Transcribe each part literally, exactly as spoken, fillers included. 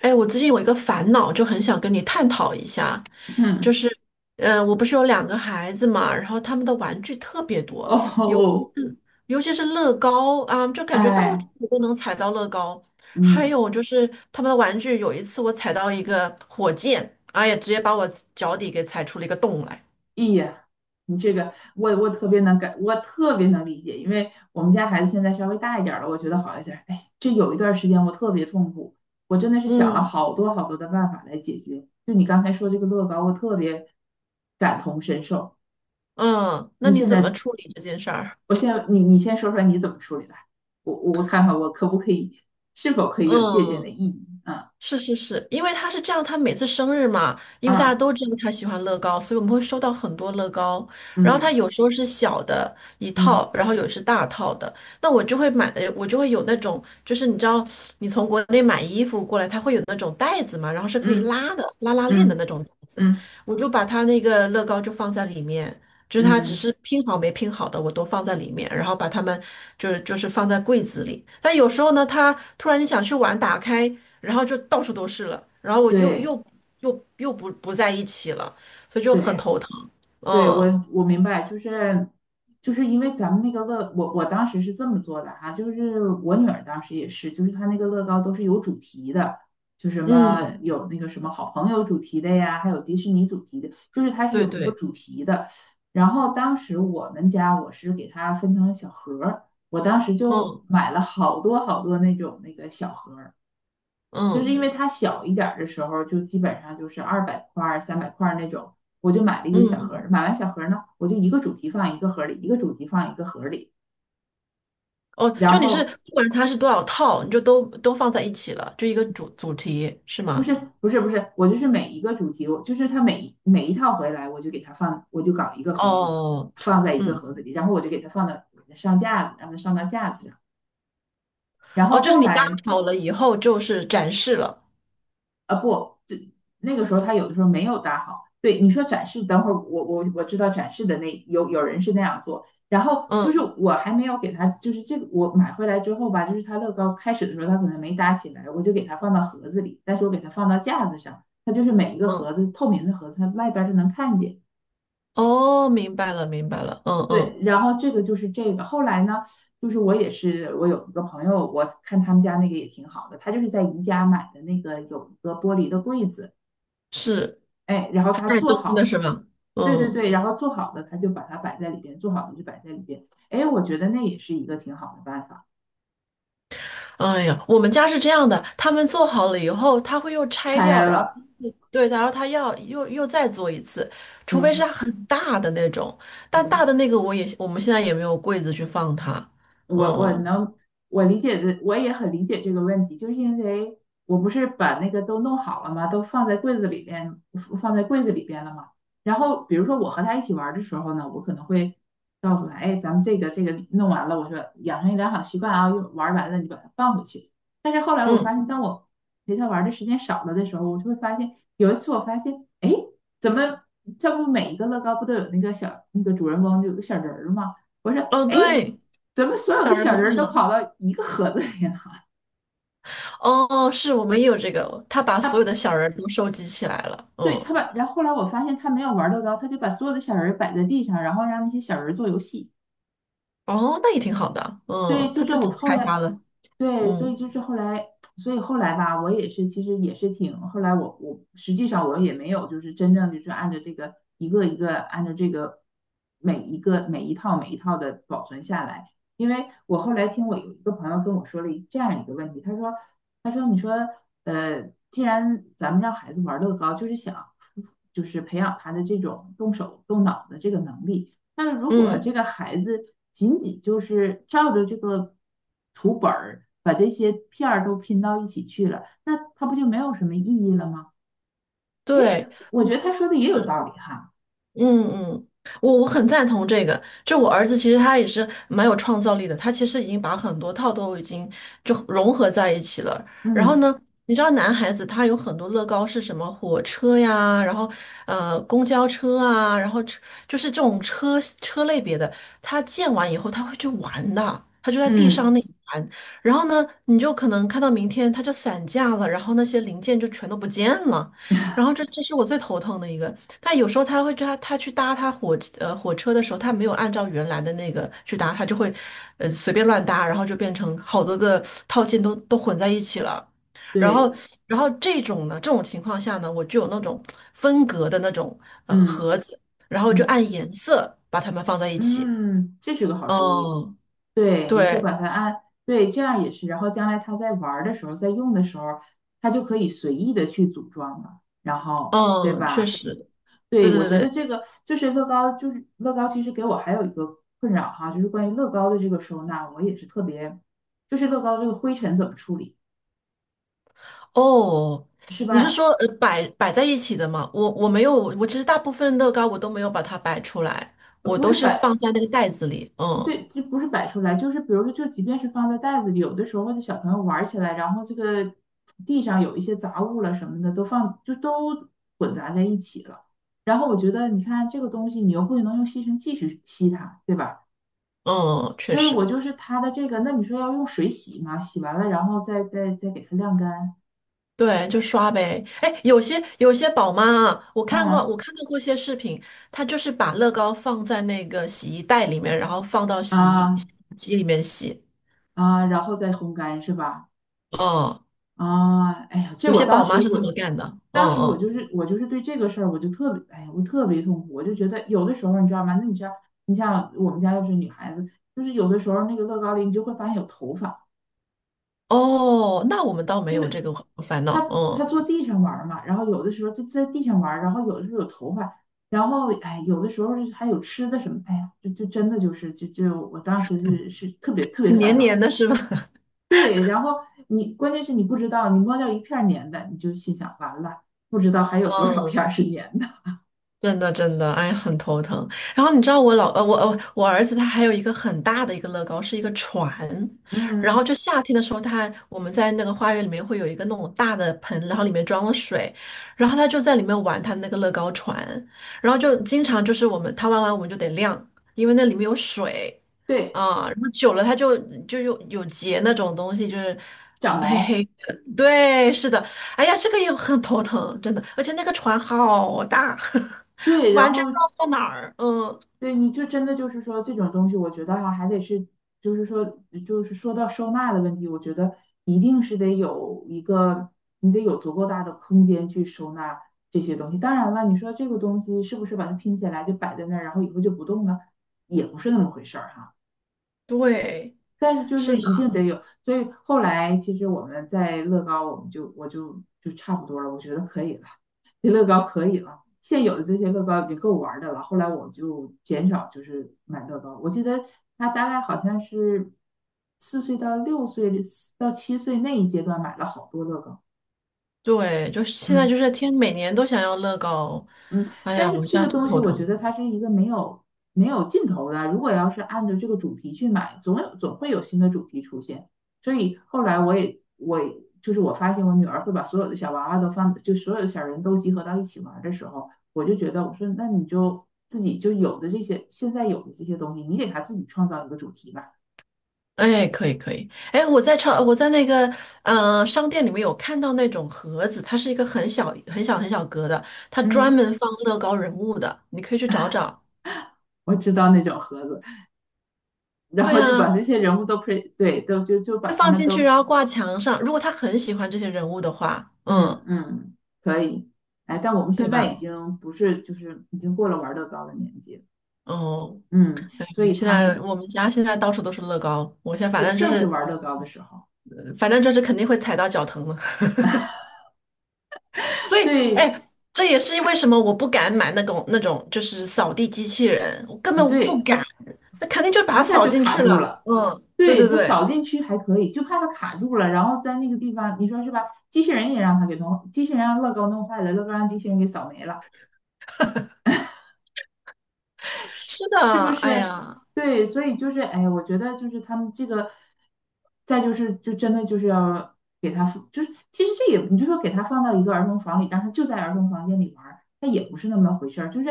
哎，我最近有一个烦恼，就很想跟你探讨一下，嗯，就是，呃，我不是有两个孩子嘛，然后他们的玩具特别哦，多，尤其哦是尤其是乐高啊，就感觉到处哎，都能踩到乐高。还嗯，有就是他们的玩具，有一次我踩到一个火箭，哎呀，直接把我脚底给踩出了一个洞来。咦呀，你这个我我特别能感，我特别能理解，因为我们家孩子现在稍微大一点儿了，我觉得好一点儿。哎，这有一段时间我特别痛苦，我真的是想了嗯好多好多的办法来解决。就你刚才说这个乐高，我特别感同身受。嗯，那你你现怎么在，处理这件事儿？我现在你你先说说你怎么处理的，我我看看我可不可以，是否可以有借鉴的嗯，意义？是是是，因为他是这样，他每次生日嘛，因为大家嗯都知道他喜欢乐高，所以我们会收到很多乐高。嗯然后他嗯有时候是小的一嗯套，然后有是大套的。那我就会买的，我就会有那种，就是你知道，你从国内买衣服过来，它会有那种袋子嘛，然后是可以嗯拉的，拉拉链的嗯那种袋子。嗯我就把它那个乐高就放在里面，就是它嗯。只嗯，是拼好没拼好的，我都放在里面，然后把它们就是就是放在柜子里。但有时候呢，它突然你想去玩，打开，然后就到处都是了，然后我又对又又又不不在一起了，所以就对很头疼。对，我嗯我明白，就是就是因为咱们那个乐，我我当时是这么做的哈，就是我女儿当时也是，就是她那个乐高都是有主题的，就什么嗯，有那个什么好朋友主题的呀，还有迪士尼主题的，就是它是对有那个对，主题的。然后当时我们家我是给它分成小盒儿，我当时就嗯买了好多好多那种那个小盒儿，就是嗯因为它小一点的时候，就基本上就是二百块儿、三百块那种，我就买了一些嗯小盒，嗯，买完小盒呢，我就一个主题放一个盒里，一个主题放一个盒里。哦，然就你是后不管它是多少套，你就都都放在一起了，就一个主主题是不吗？是不是不是，我就是每一个主题，我就是它每每一套回来，我就给它放，我就搞一个盒子，哦，放在一个嗯，盒子里，然后我就给它放到上架子，让它上到架子上。然后哦，就是后你搭来好了以后就是展示了，啊，不，这那个时候他有的时候没有搭好。对，你说展示，等会儿我我我知道展示的，那有有人是那样做，然后就是嗯。我还没有给他，就是这个我买回来之后吧，就是他乐高开始的时候他可能没搭起来，我就给他放到盒子里，但是我给他放到架子上，他就是每一个盒嗯，子透明的盒子，它外边儿是能看见。哦，明白了，明白了，嗯对，嗯。然后这个就是这个。后来呢，就是我也是，我有一个朋友，我看他们家那个也挺好的，他就是在宜家买的那个有一个玻璃的柜子，是，哎，然后还他带做灯的好，是吗？对对嗯，对，然后做好的他就把它摆在里边，做好的就摆在里边。哎，我觉得那也是一个挺好的办法。哎呀，我们家是这样的，他们做好了以后，他会又拆拆掉，然后了，对，然后他要又又再做一次，是除非是吧？它很大的那种，但大嗯，的那个我也我们现在也没有柜子去放它。我我嗯能我理解的，我也很理解这个问题，就是因为我不是把那个都弄好了吗？都放在柜子里边，放在柜子里边了吗？然后比如说我和他一起玩儿的时候呢，我可能会告诉他，哎，咱们这个这个弄完了，我说养成一良好习惯啊，会玩儿完了你把它放回去。但是后来我发嗯，现，当我陪他玩儿的时间少了的时候，我就会发现，有一次我发现，哎，怎么这不每一个乐高不都有那个小那个主人翁，就有个小人儿吗？我说，哦哎，对，怎么所有的小人小不人儿见都了。跑到一个盒子里了？哦，是我们也有这个，他把 所有他的小人都收集起来了。对他嗯，把，然后后来我发现他没有玩乐高，他就把所有的小人儿摆在地上，然后让那些小人儿做游戏。哦，那也挺好的，对，嗯，就他是自我己后开发来，了。对，所嗯以就是后来，所以后来吧，我也是，其实也是挺，后来我我实际上我也没有，就是真正就是按照这个一个一个按照这个每一个每一套每一套的保存下来，因为我后来听我有一个朋友跟我说了一这样一个问题，他说他说你说呃，既然咱们让孩子玩乐高，就是想就是培养他的这种动手动脑的这个能力。但是如果嗯。这个孩子仅仅就是照着这个图本儿把这些片儿都拼到一起去了，那他不就没有什么意义了吗？诶，对，我觉得他说的也有是，道理哈。嗯嗯，我我很赞同这个。就我儿子其实他也是蛮有创造力的，他其实已经把很多套都已经就融合在一起了。然后嗯呢，你知道男孩子他有很多乐高是什么火车呀，然后呃公交车啊，然后车就是这种车车类别的，他建完以后他会去玩的，他就在地上嗯，那里玩。然后呢，你就可能看到明天它就散架了，然后那些零件就全都不见了。然后这这是我最头疼的一个。他有时候他会他他去搭他火呃火车的时候，他没有按照原来的那个去搭，他就会呃随便乱搭，然后就变成好多个套件都都混在一起了。然后对，然后这种呢，这种情况下呢，我就有那种分隔的那种呃嗯盒子，然后就嗯按颜色把它们放在一起。嗯，这是个好嗯，主意。对，你就对，把它按，对，这样也是。然后将来他在玩儿的时候，在用的时候，他就可以随意的去组装了，然后对嗯，确吧？实，对对，对我对觉得这对。个就是乐高，就是乐高，其实给我还有一个困扰哈，就是关于乐高的这个收纳，我也是特别，就是乐高这个灰尘怎么处理，哦，是你是吧？说呃摆摆在一起的吗？我我没有，我其实大部分乐高我都没有把它摆出来，呃我不都是是摆，放在那个袋子里。嗯对，就不是摆出来，就是比如说，就即便是放在袋子里，有的时候或者小朋友玩起来，然后这个地上有一些杂物了什么的，都放就都混杂在一起了。然后我觉得，你看这个东西，你又不能用吸尘器去吸它，对吧？嗯，确所以我实，就是他的这个，那你说要用水洗嘛？洗完了，然后再再再给它晾干，对，就刷呗。哎，有些有些宝妈啊，我看过嗯，我看到过一些视频，她就是把乐高放在那个洗衣袋里面，然后放到洗衣洗啊，衣机里面洗。啊，然后再烘干是吧？嗯，啊，哎呀，这有我些当宝妈时是这我，么干的。嗯当时我嗯，就是我就是对这个事儿我就特别，哎呀，我特别痛苦，我就觉得有的时候你知道吗？那你知道，你像我们家要是女孩子，就是有的时候那个乐高里你就会发现有头发，哦，那我们倒没因有为这个烦他恼。他嗯，坐地上玩儿嘛，然后有的时候就在地上玩儿，然后有的时候有头发，然后哎，有的时候就是还有吃的什么，哎呀，就就真的就是就就我当时就是是特别特别烦黏黏恼。的是吧？对，然后你关键是你不知道，你摸掉一片儿粘的，你就心想完了，不知道还有 多少片儿嗯。是粘的。真的真的，哎，很头疼。然后你知道我老呃，我呃我儿子他还有一个很大的一个乐高，是一个船。然嗯，后就夏天的时候他，我们在那个花园里面会有一个那种大的盆，然后里面装了水，然后他就在里面玩他那个乐高船，然后就经常就是我们他玩完我们就得晾，因为那里面有水。对，啊，然后久了它就就有有结那种东西，就是长黑毛，黑的。对，是的。哎呀，这个也很头疼，真的。而且那个船好大，对，然完全后不知道放哪儿。嗯，对，你就真的就是说这种东西，我觉得哈、还得是，就是说，就是说到收纳的问题，我觉得一定是得有一个，你得有足够大的空间去收纳这些东西。当然了，你说这个东西是不是把它拼起来就摆在那儿，然后以后就不动了，也不是那么回事儿、哈。对，但是就是是的，一定得有，所以后来其实我们在乐高，我们就我就就差不多了，我觉得可以了，这乐高可以了，现有的这些乐高已经够玩的了。后来我就减少就是买乐高，我记得他大概好像是四岁到六岁到七岁那一阶段买了好多乐高，对，就是现在嗯。就是天每年都想要乐高。嗯，哎但呀，是我这现在个真东西头我觉疼。得它是一个没有没有尽头的。如果要是按照这个主题去买，总有总会有新的主题出现。所以后来我也我也就是我发现我女儿会把所有的小娃娃都放，就所有的小人都集合到一起玩的时候，我就觉得我说那你就自己就有的这些现在有的这些东西，你给她自己创造一个主题吧。哎，可以可以。哎，我在超我在那个呃商店里面有看到那种盒子，它是一个很小很小很小格的，它专嗯，门放乐高人物的，你可以去找找。我知道那种盒子，然对后就啊，把那些人物都配对都就就把会他放们进去，都然后挂墙上。如果他很喜欢这些人物的话，嗯嗯，嗯，可以。哎，但我们现对在吧？已经不是，就是已经过了玩乐高的年纪了。哦，嗯，哎，所我以们现他在那我们家现在到处都是乐高，我现在反对正就正是是，玩乐高的时候，呃反正就是肯定会踩到脚疼了。所以，对哎，这也是为什么我不敢买那种那种就是扫地机器人，我根啊，本不对，敢，那肯定就把一它下扫就进卡去住了。了。嗯，对对，对他对，扫进去还可以，就怕他卡住了，然后在那个地方，你说是吧？机器人也让他给弄，机器人让乐高弄坏了，乐高让机器人给扫没了。是的，是不哎是？呀，对，所以就是，哎，我觉得就是他们这个，再就是，就真的就是要给他放，就是其实这也，你就说给他放到一个儿童房里，让他就在儿童房间里玩儿，那也不是那么回事儿。就是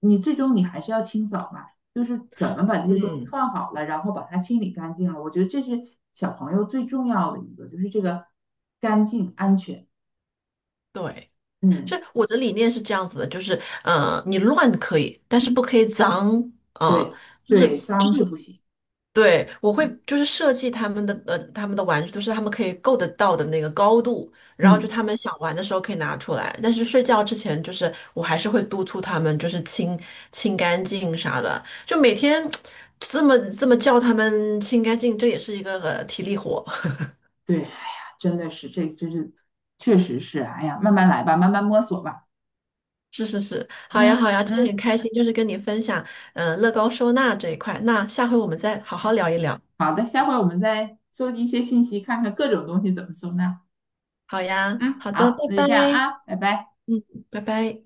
你最终你还是要清扫嘛，就是怎么把这些东西嗯，放好了，然后把它清理干净了。我觉得这是小朋友最重要的一个，就是这个干净安全。对。是嗯，我的理念是这样子的，就是，呃，你乱可以，但是不可以脏，啊，对就是对，脏是不行。对，我会嗯。就是设计他们的呃他们的玩具，都是他们可以够得到的那个高度，然后就嗯，他们想玩的时候可以拿出来，但是睡觉之前就是我还是会督促他们就是清清干净啥的，就每天这么这么叫他们清干净，这也是一个、呃体力活。对，哎呀，真的是，这真是，确实是，哎呀，慢慢来吧，慢慢摸索吧。是是是，好呀嗯好呀，今天很嗯，开心，就是跟你分享，嗯、乐高收纳这一块。那下回我们再好好聊一聊。好的，下回我们再搜集一些信息，看看各种东西怎么收纳。好呀，嗯，好的，拜好，那就这样拜，啊，拜拜。嗯，拜拜。